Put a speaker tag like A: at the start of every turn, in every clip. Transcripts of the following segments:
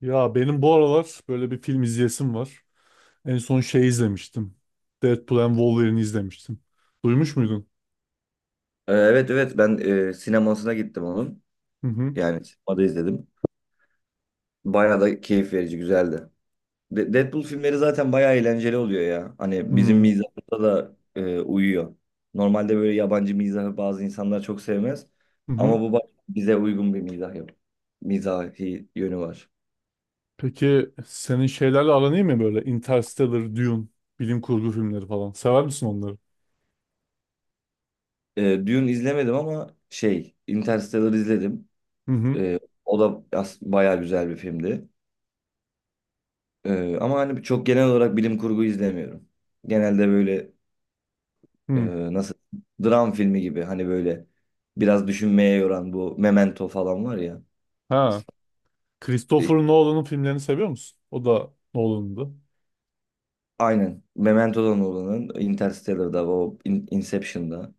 A: Ya benim bu aralar böyle bir film izleyesim var. En son şey izlemiştim. Deadpool and Wolverine izlemiştim. Duymuş muydun?
B: Evet, evet, ben sinemasına gittim onun.
A: Hı hı.
B: Yani sinemada izledim. Bayağı da keyif verici güzeldi. Deadpool filmleri zaten bayağı eğlenceli oluyor ya.
A: Hı
B: Hani bizim
A: hı.
B: mizahımıza da uyuyor. Normalde böyle yabancı mizahı bazı insanlar çok sevmez.
A: Hı.
B: Ama bu bize uygun bir mizah yok. Mizahi yönü var.
A: Peki senin şeylerle aran iyi mi böyle? Interstellar, Dune, bilim kurgu filmleri falan. Sever misin onları?
B: Dune izlemedim ama şey Interstellar izledim.
A: Hı hı.
B: E, O da bayağı güzel bir filmdi. Ama hani çok genel olarak bilim kurgu izlemiyorum. Genelde böyle e,
A: Hı.
B: nasıl dram filmi gibi, hani böyle biraz düşünmeye yoran, bu Memento falan var ya.
A: Ha. Christopher
B: İşte
A: Nolan'ın filmlerini seviyor musun? O da Nolan'dı.
B: aynen Memento'dan olanın Interstellar'da, o Inception'da,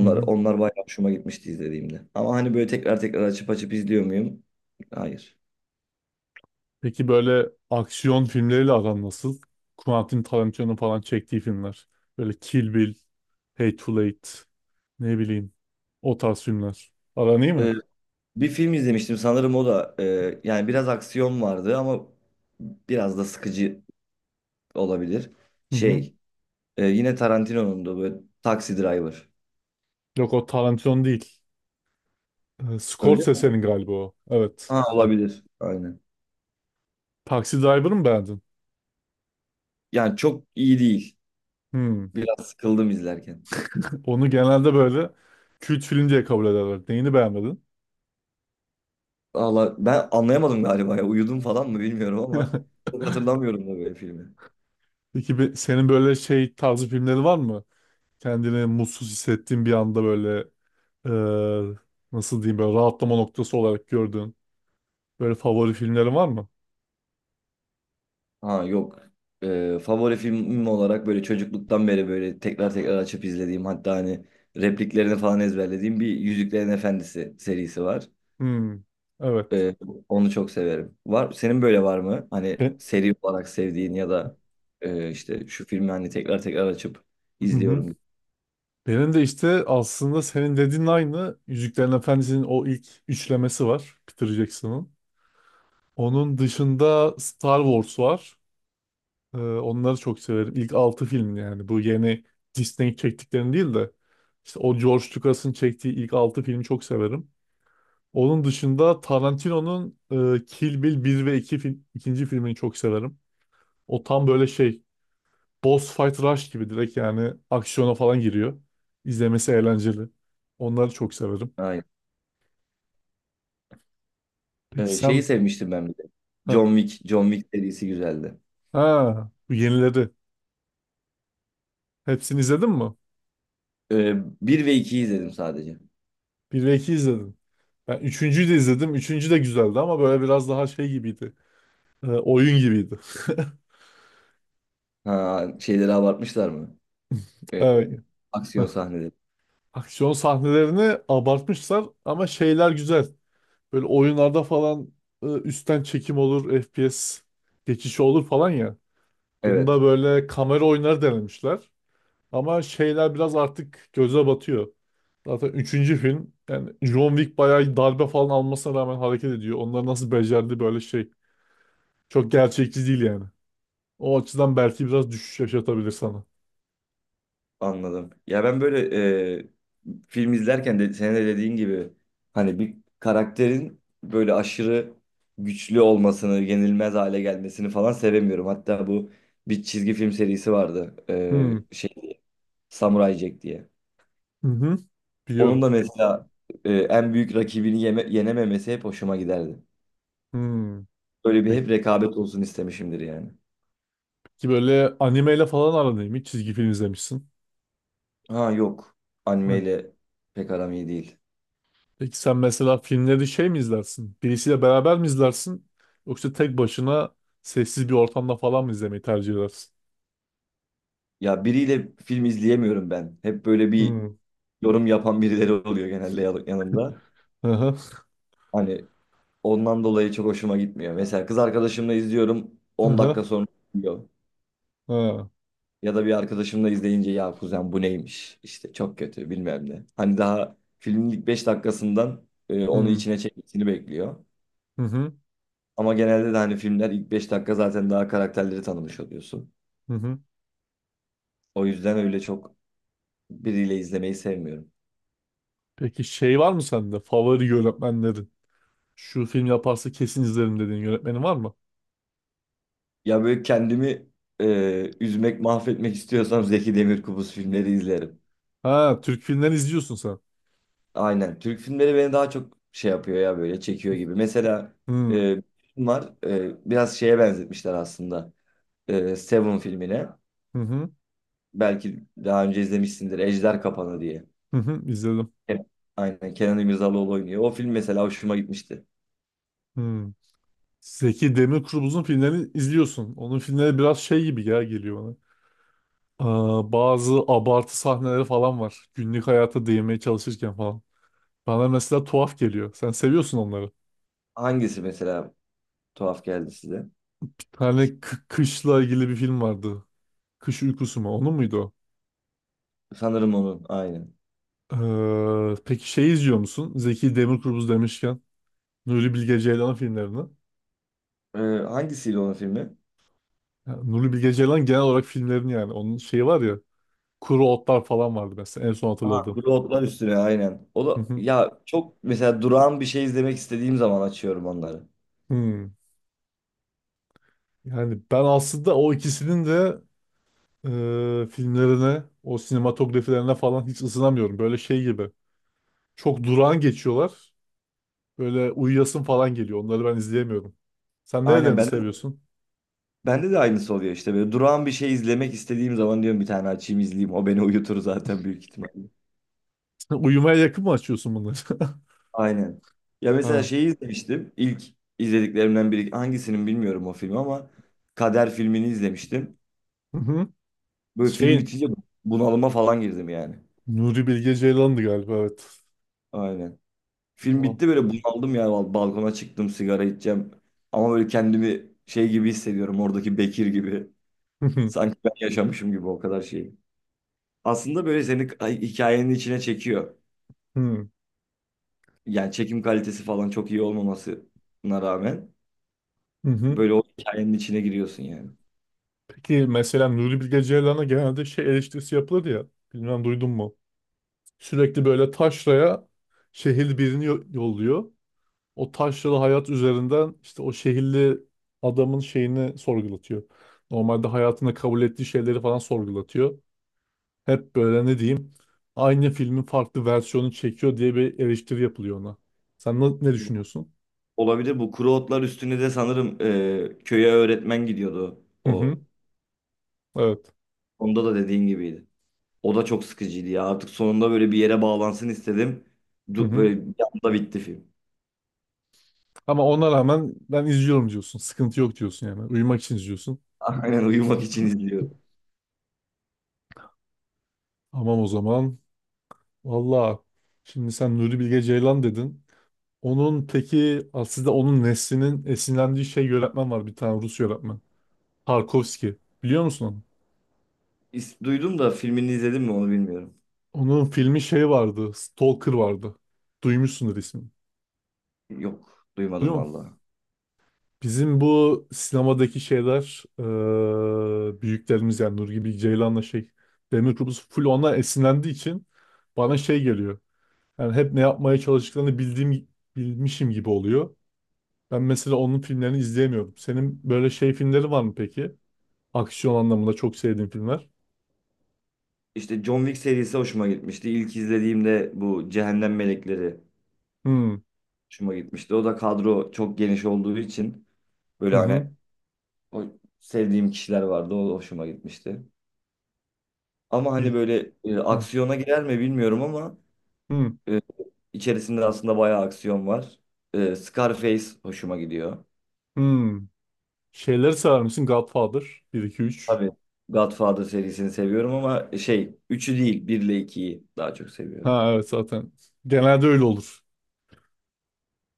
A: Hı hı.
B: onlar bayağı hoşuma gitmişti izlediğimde. Ama hani böyle tekrar tekrar açıp açıp izliyor muyum? Hayır.
A: Peki böyle aksiyon filmleriyle aran nasıl? Quentin Tarantino'nun falan çektiği filmler. Böyle Kill Bill, Hateful Eight, ne bileyim o tarz filmler. Aran iyi mi?
B: E, Bir film izlemiştim sanırım, o da yani biraz aksiyon vardı ama biraz da sıkıcı olabilir.
A: Hı hı.
B: Şey, yine Tarantino'nun da böyle Taxi Driver.
A: Yok, o Tarantino değil.
B: Öyle mi?
A: Scorsese'nin galiba o. Evet.
B: Ha,
A: Bak,
B: olabilir. Aynen.
A: Taxi Driver'ı mı beğendin?
B: Yani çok iyi değil.
A: Hmm.
B: Biraz sıkıldım izlerken.
A: Onu genelde böyle kült film diye kabul ederler. Neyini beğenmedin?
B: Valla ben anlayamadım galiba ya. Uyudum falan mı bilmiyorum ama çok hatırlamıyorum da böyle filmi.
A: Peki senin böyle şey tarzı filmleri var mı? Kendini mutsuz hissettiğin bir anda böyle e, nasıl diyeyim böyle rahatlama noktası olarak gördüğün böyle favori filmlerin var mı?
B: Ha yok. Favori filmim olarak böyle çocukluktan beri böyle tekrar tekrar açıp izlediğim, hatta hani repliklerini falan ezberlediğim bir Yüzüklerin Efendisi serisi var.
A: Hmm, evet.
B: Ee, Onu çok severim. Var, senin böyle var mı? Hani
A: Ben,
B: seri olarak sevdiğin, ya da işte şu filmi hani tekrar tekrar açıp
A: hı hı.
B: izliyorum.
A: Benim de işte aslında senin dediğin aynı Yüzüklerin Efendisi'nin o ilk üçlemesi var Peter Jackson'ın. Onun dışında Star Wars var. Onları çok severim. İlk 6 film, yani bu yeni Disney çektiklerini değil de işte o George Lucas'ın çektiği ilk 6 filmi çok severim. Onun dışında Tarantino'nun Kill Bill 1 ve 2 film, ikinci filmini çok severim. O tam böyle şey, boss fight rush gibi, direkt yani aksiyona falan giriyor. İzlemesi eğlenceli. Onları çok severim.
B: Aynen.
A: Peki
B: Şeyi
A: sen,
B: sevmiştim ben bir de.
A: ha,
B: John Wick. John Wick serisi güzeldi.
A: ha bu yenileri hepsini izledin mi?
B: Ee, 1 ve 2'yi izledim sadece.
A: Bir ve 2 izledim. Ben 3.'ü de izledim. Üçüncü de güzeldi ama böyle biraz daha şey gibiydi. Oyun gibiydi.
B: Ha, şeyleri abartmışlar mı? Ee,
A: Evet.
B: Aksiyon
A: Hah.
B: sahneleri.
A: Aksiyon sahnelerini abartmışlar ama şeyler güzel. Böyle oyunlarda falan üstten çekim olur, FPS geçişi olur falan ya. Bunda
B: Evet,
A: böyle kamera oyunları denemişler. Ama şeyler biraz artık göze batıyor. Zaten üçüncü film, yani John Wick bayağı darbe falan almasına rağmen hareket ediyor. Onlar nasıl becerdi böyle şey. Çok gerçekçi değil yani. O açıdan belki biraz düşüş yaşatabilir sana.
B: anladım. Ya ben böyle e, film izlerken de, senin de dediğin gibi, hani bir karakterin böyle aşırı güçlü olmasını, yenilmez hale gelmesini falan sevemiyorum. Hatta bu bir çizgi film serisi vardı.
A: Hmm.
B: Şey, Samurai Jack diye.
A: Hı hı.
B: Onun
A: Biliyorum.
B: da mesela en büyük rakibini yenememesi hep hoşuma giderdi.
A: Hmm.
B: Böyle bir hep
A: Peki,
B: rekabet olsun istemişimdir yani.
A: peki, böyle animeyle falan aran iyi mi? Çizgi film izlemişsin.
B: Ha yok.
A: Hani-
B: Animeyle pek aram iyi değil.
A: Peki sen mesela filmleri şey mi izlersin? Birisiyle beraber mi izlersin? Yoksa tek başına sessiz bir ortamda falan mı izlemeyi tercih edersin?
B: Ya biriyle film izleyemiyorum ben. Hep böyle bir
A: Hı.
B: yorum yapan birileri oluyor genelde yanımda.
A: Aha.
B: Hani ondan dolayı çok hoşuma gitmiyor. Mesela kız arkadaşımla izliyorum, 10 dakika
A: Aha.
B: sonra diyor.
A: Ha.
B: Ya da bir arkadaşımla izleyince, ya kuzen bu neymiş? İşte çok kötü bilmem ne. Hani daha filmin ilk 5 dakikasından onu
A: Hı.
B: içine çekmesini bekliyor.
A: Hı hı.
B: Ama genelde de hani filmler ilk 5 dakika zaten daha karakterleri tanımış oluyorsun.
A: Hı hı.
B: O yüzden öyle çok biriyle izlemeyi sevmiyorum.
A: Peki şey var mı sende? Favori yönetmenlerin. Şu film yaparsa kesin izlerim dediğin yönetmenin var mı?
B: Ya böyle kendimi üzmek, mahvetmek istiyorsam Zeki Demirkubuz filmleri izlerim.
A: Ha, Türk filmleri izliyorsun sen.
B: Aynen. Türk filmleri beni daha çok şey yapıyor ya, böyle çekiyor gibi. Mesela
A: Hı.
B: bir film var. Biraz şeye benzetmişler aslında. Seven filmine.
A: Hı hı.
B: Belki daha önce izlemişsindir. Ejder Kapanı diye.
A: Hı hı. izledim.
B: Evet. Aynen. Kenan İmirzalıoğlu oynuyor. O film mesela hoşuma gitmişti.
A: Hı. Zeki Demirkubuz'un filmlerini izliyorsun. Onun filmleri biraz şey gibi ya geliyor bana. Aa, bazı abartı sahneleri falan var. Günlük hayata değinmeye çalışırken falan. Bana mesela tuhaf geliyor. Sen seviyorsun onları.
B: Hangisi mesela? Tuhaf geldi size.
A: Bir tane kışla ilgili bir film vardı. Kış uykusu mu? Onu muydu o?
B: Sanırım onun aynen.
A: Peki şey izliyor musun? Zeki Demirkubuz demişken Nuri Bilge Ceylan filmlerini.
B: Hangisiyle onun filmi?
A: Ya, Nuri Bilge Ceylan, genel olarak filmlerini yani. Onun şeyi var ya. Kuru Otlar falan vardı mesela, en son
B: Aha,
A: hatırladığım.
B: Kuru Otlar Üstüne aynen. O
A: Hı
B: da
A: hı.
B: ya, çok mesela durağan bir şey izlemek istediğim zaman açıyorum onları.
A: Hmm. Yani ben aslında o ikisinin de filmlerine, o sinematografilerine falan hiç ısınamıyorum. Böyle şey gibi. Çok durağan geçiyorlar. Böyle uyuyasın falan geliyor. Onları ben izleyemiyorum. Sen
B: Aynen,
A: nerelerini
B: bende
A: seviyorsun?
B: bende de aynısı oluyor, işte böyle durağan bir şey izlemek istediğim zaman diyorum bir tane açayım izleyeyim. O beni uyutur zaten büyük ihtimalle.
A: Uyumaya yakın mı açıyorsun bunları?
B: Aynen. Ya mesela
A: Ha.
B: şeyi izlemiştim. İlk izlediklerimden biri hangisinin bilmiyorum o filmi ama Kader filmini izlemiştim. Böyle film
A: Şeyin,
B: bitince bunalıma falan girdim yani.
A: Nuri Bilge Ceylan'dı galiba, evet.
B: Aynen. Film
A: O.
B: bitti, böyle bunaldım yani, balkona çıktım sigara içeceğim. Ama böyle kendimi şey gibi hissediyorum, oradaki Bekir gibi.
A: Hı hı,
B: Sanki ben yaşamışım gibi o kadar şeyi. Aslında böyle seni hikayenin içine çekiyor.
A: hı,
B: Yani çekim kalitesi falan çok iyi olmamasına rağmen
A: hı.
B: böyle o hikayenin içine giriyorsun yani.
A: Peki mesela Nuri Bilge Ceylan'a genelde şey eleştirisi yapılır ya. Bilmem duydun mu? Sürekli böyle taşraya şehirli birini yolluyor. O taşralı hayat üzerinden işte o şehirli adamın şeyini sorgulatıyor. Normalde hayatında kabul ettiği şeyleri falan sorgulatıyor. Hep böyle ne diyeyim, aynı filmin farklı versiyonu çekiyor diye bir eleştiri yapılıyor ona. Sen ne düşünüyorsun?
B: Olabilir, bu Kuru Otlar Üstüne de sanırım, köye öğretmen gidiyordu
A: Hı
B: o.
A: hı, evet.
B: Onda da dediğin gibiydi. O da çok sıkıcıydı ya. Artık sonunda böyle bir yere bağlansın istedim.
A: Hı hı.
B: Böyle bir anda bitti film.
A: Ama ona rağmen ben izliyorum diyorsun. Sıkıntı yok diyorsun yani. Uyumak için izliyorsun.
B: Aynen, uyumak için izliyorum.
A: Tamam, o zaman. Valla, şimdi sen Nuri Bilge Ceylan dedin. Onun peki, aslında onun neslinin esinlendiği şey yönetmen var, bir tane Rus yönetmen. Tarkovski. Biliyor musun onu?
B: Duydum da filmini izledim mi onu bilmiyorum.
A: Onun filmi şey vardı. Stalker vardı. Duymuşsundur ismini.
B: Yok, duymadım
A: Duyuyor musun?
B: valla.
A: Bizim bu sinemadaki şeyler, büyüklerimiz yani Nuri Bilge Ceylan'la şey, Demir Kubus full ona esinlendiği için bana şey geliyor. Yani hep ne yapmaya çalıştıklarını bildiğim, bilmişim gibi oluyor. Ben mesela onun filmlerini izleyemiyorum. Senin böyle şey filmleri var mı peki? Aksiyon anlamında çok sevdiğin filmler.
B: İşte John Wick serisi hoşuma gitmişti. İlk izlediğimde bu Cehennem Melekleri
A: Hmm.
B: hoşuma gitmişti. O da kadro çok geniş olduğu için böyle
A: Hı hı.
B: hani o sevdiğim kişiler vardı. O da hoşuma gitmişti. Ama
A: Bil
B: hani böyle
A: hı.
B: aksiyona girer mi bilmiyorum ama
A: Hı.
B: e, içerisinde aslında bayağı aksiyon var. Scarface hoşuma gidiyor.
A: Hı. Şeyleri sever misin? Godfather 1 2 3.
B: Tabii Godfather serisini seviyorum ama şey, üçü değil, 1 ile 2'yi daha çok seviyorum.
A: Ha, evet, zaten. Genelde öyle olur.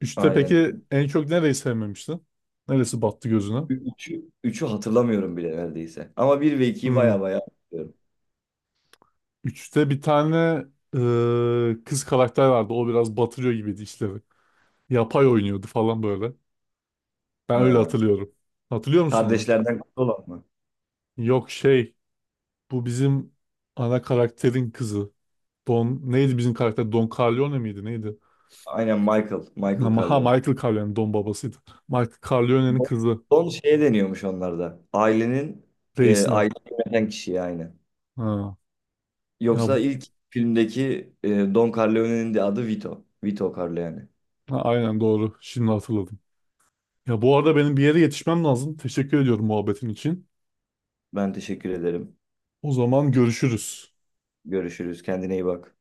A: Üçte
B: Aynen.
A: peki en çok nereyi sevmemiştin? Neresi battı gözüne?
B: Üçü hatırlamıyorum bile neredeyse. Ama bir ve ikiyi
A: Hmm.
B: baya baya hatırlıyorum.
A: 3'te bir tane kız karakter vardı. O biraz batırıyor gibiydi işleri. Yapay oynuyordu falan böyle. Ben öyle
B: Ha.
A: hatırlıyorum. Hatırlıyor musun onu?
B: Kardeşlerden kutlu olan mı?
A: Yok, şey, bu bizim ana karakterin kızı. Don neydi bizim karakter? Don Corleone miydi neydi?
B: Aynen, Michael. Michael
A: Ama ha,
B: Corleone.
A: Michael Corleone Don babasıydı. Michael Corleone'nin
B: Don
A: kızı
B: Don şeye deniyormuş onlarda. Ailenin,
A: reisine.
B: aile yöneten kişiye, aynı.
A: Ha. Ya
B: Yoksa
A: bu,
B: ilk filmdeki Don Corleone'nin de adı Vito. Vito Corleone.
A: ha, aynen doğru. Şimdi hatırladım. Ya bu arada benim bir yere yetişmem lazım. Teşekkür ediyorum muhabbetin için.
B: Ben teşekkür ederim.
A: O zaman görüşürüz.
B: Görüşürüz. Kendine iyi bak.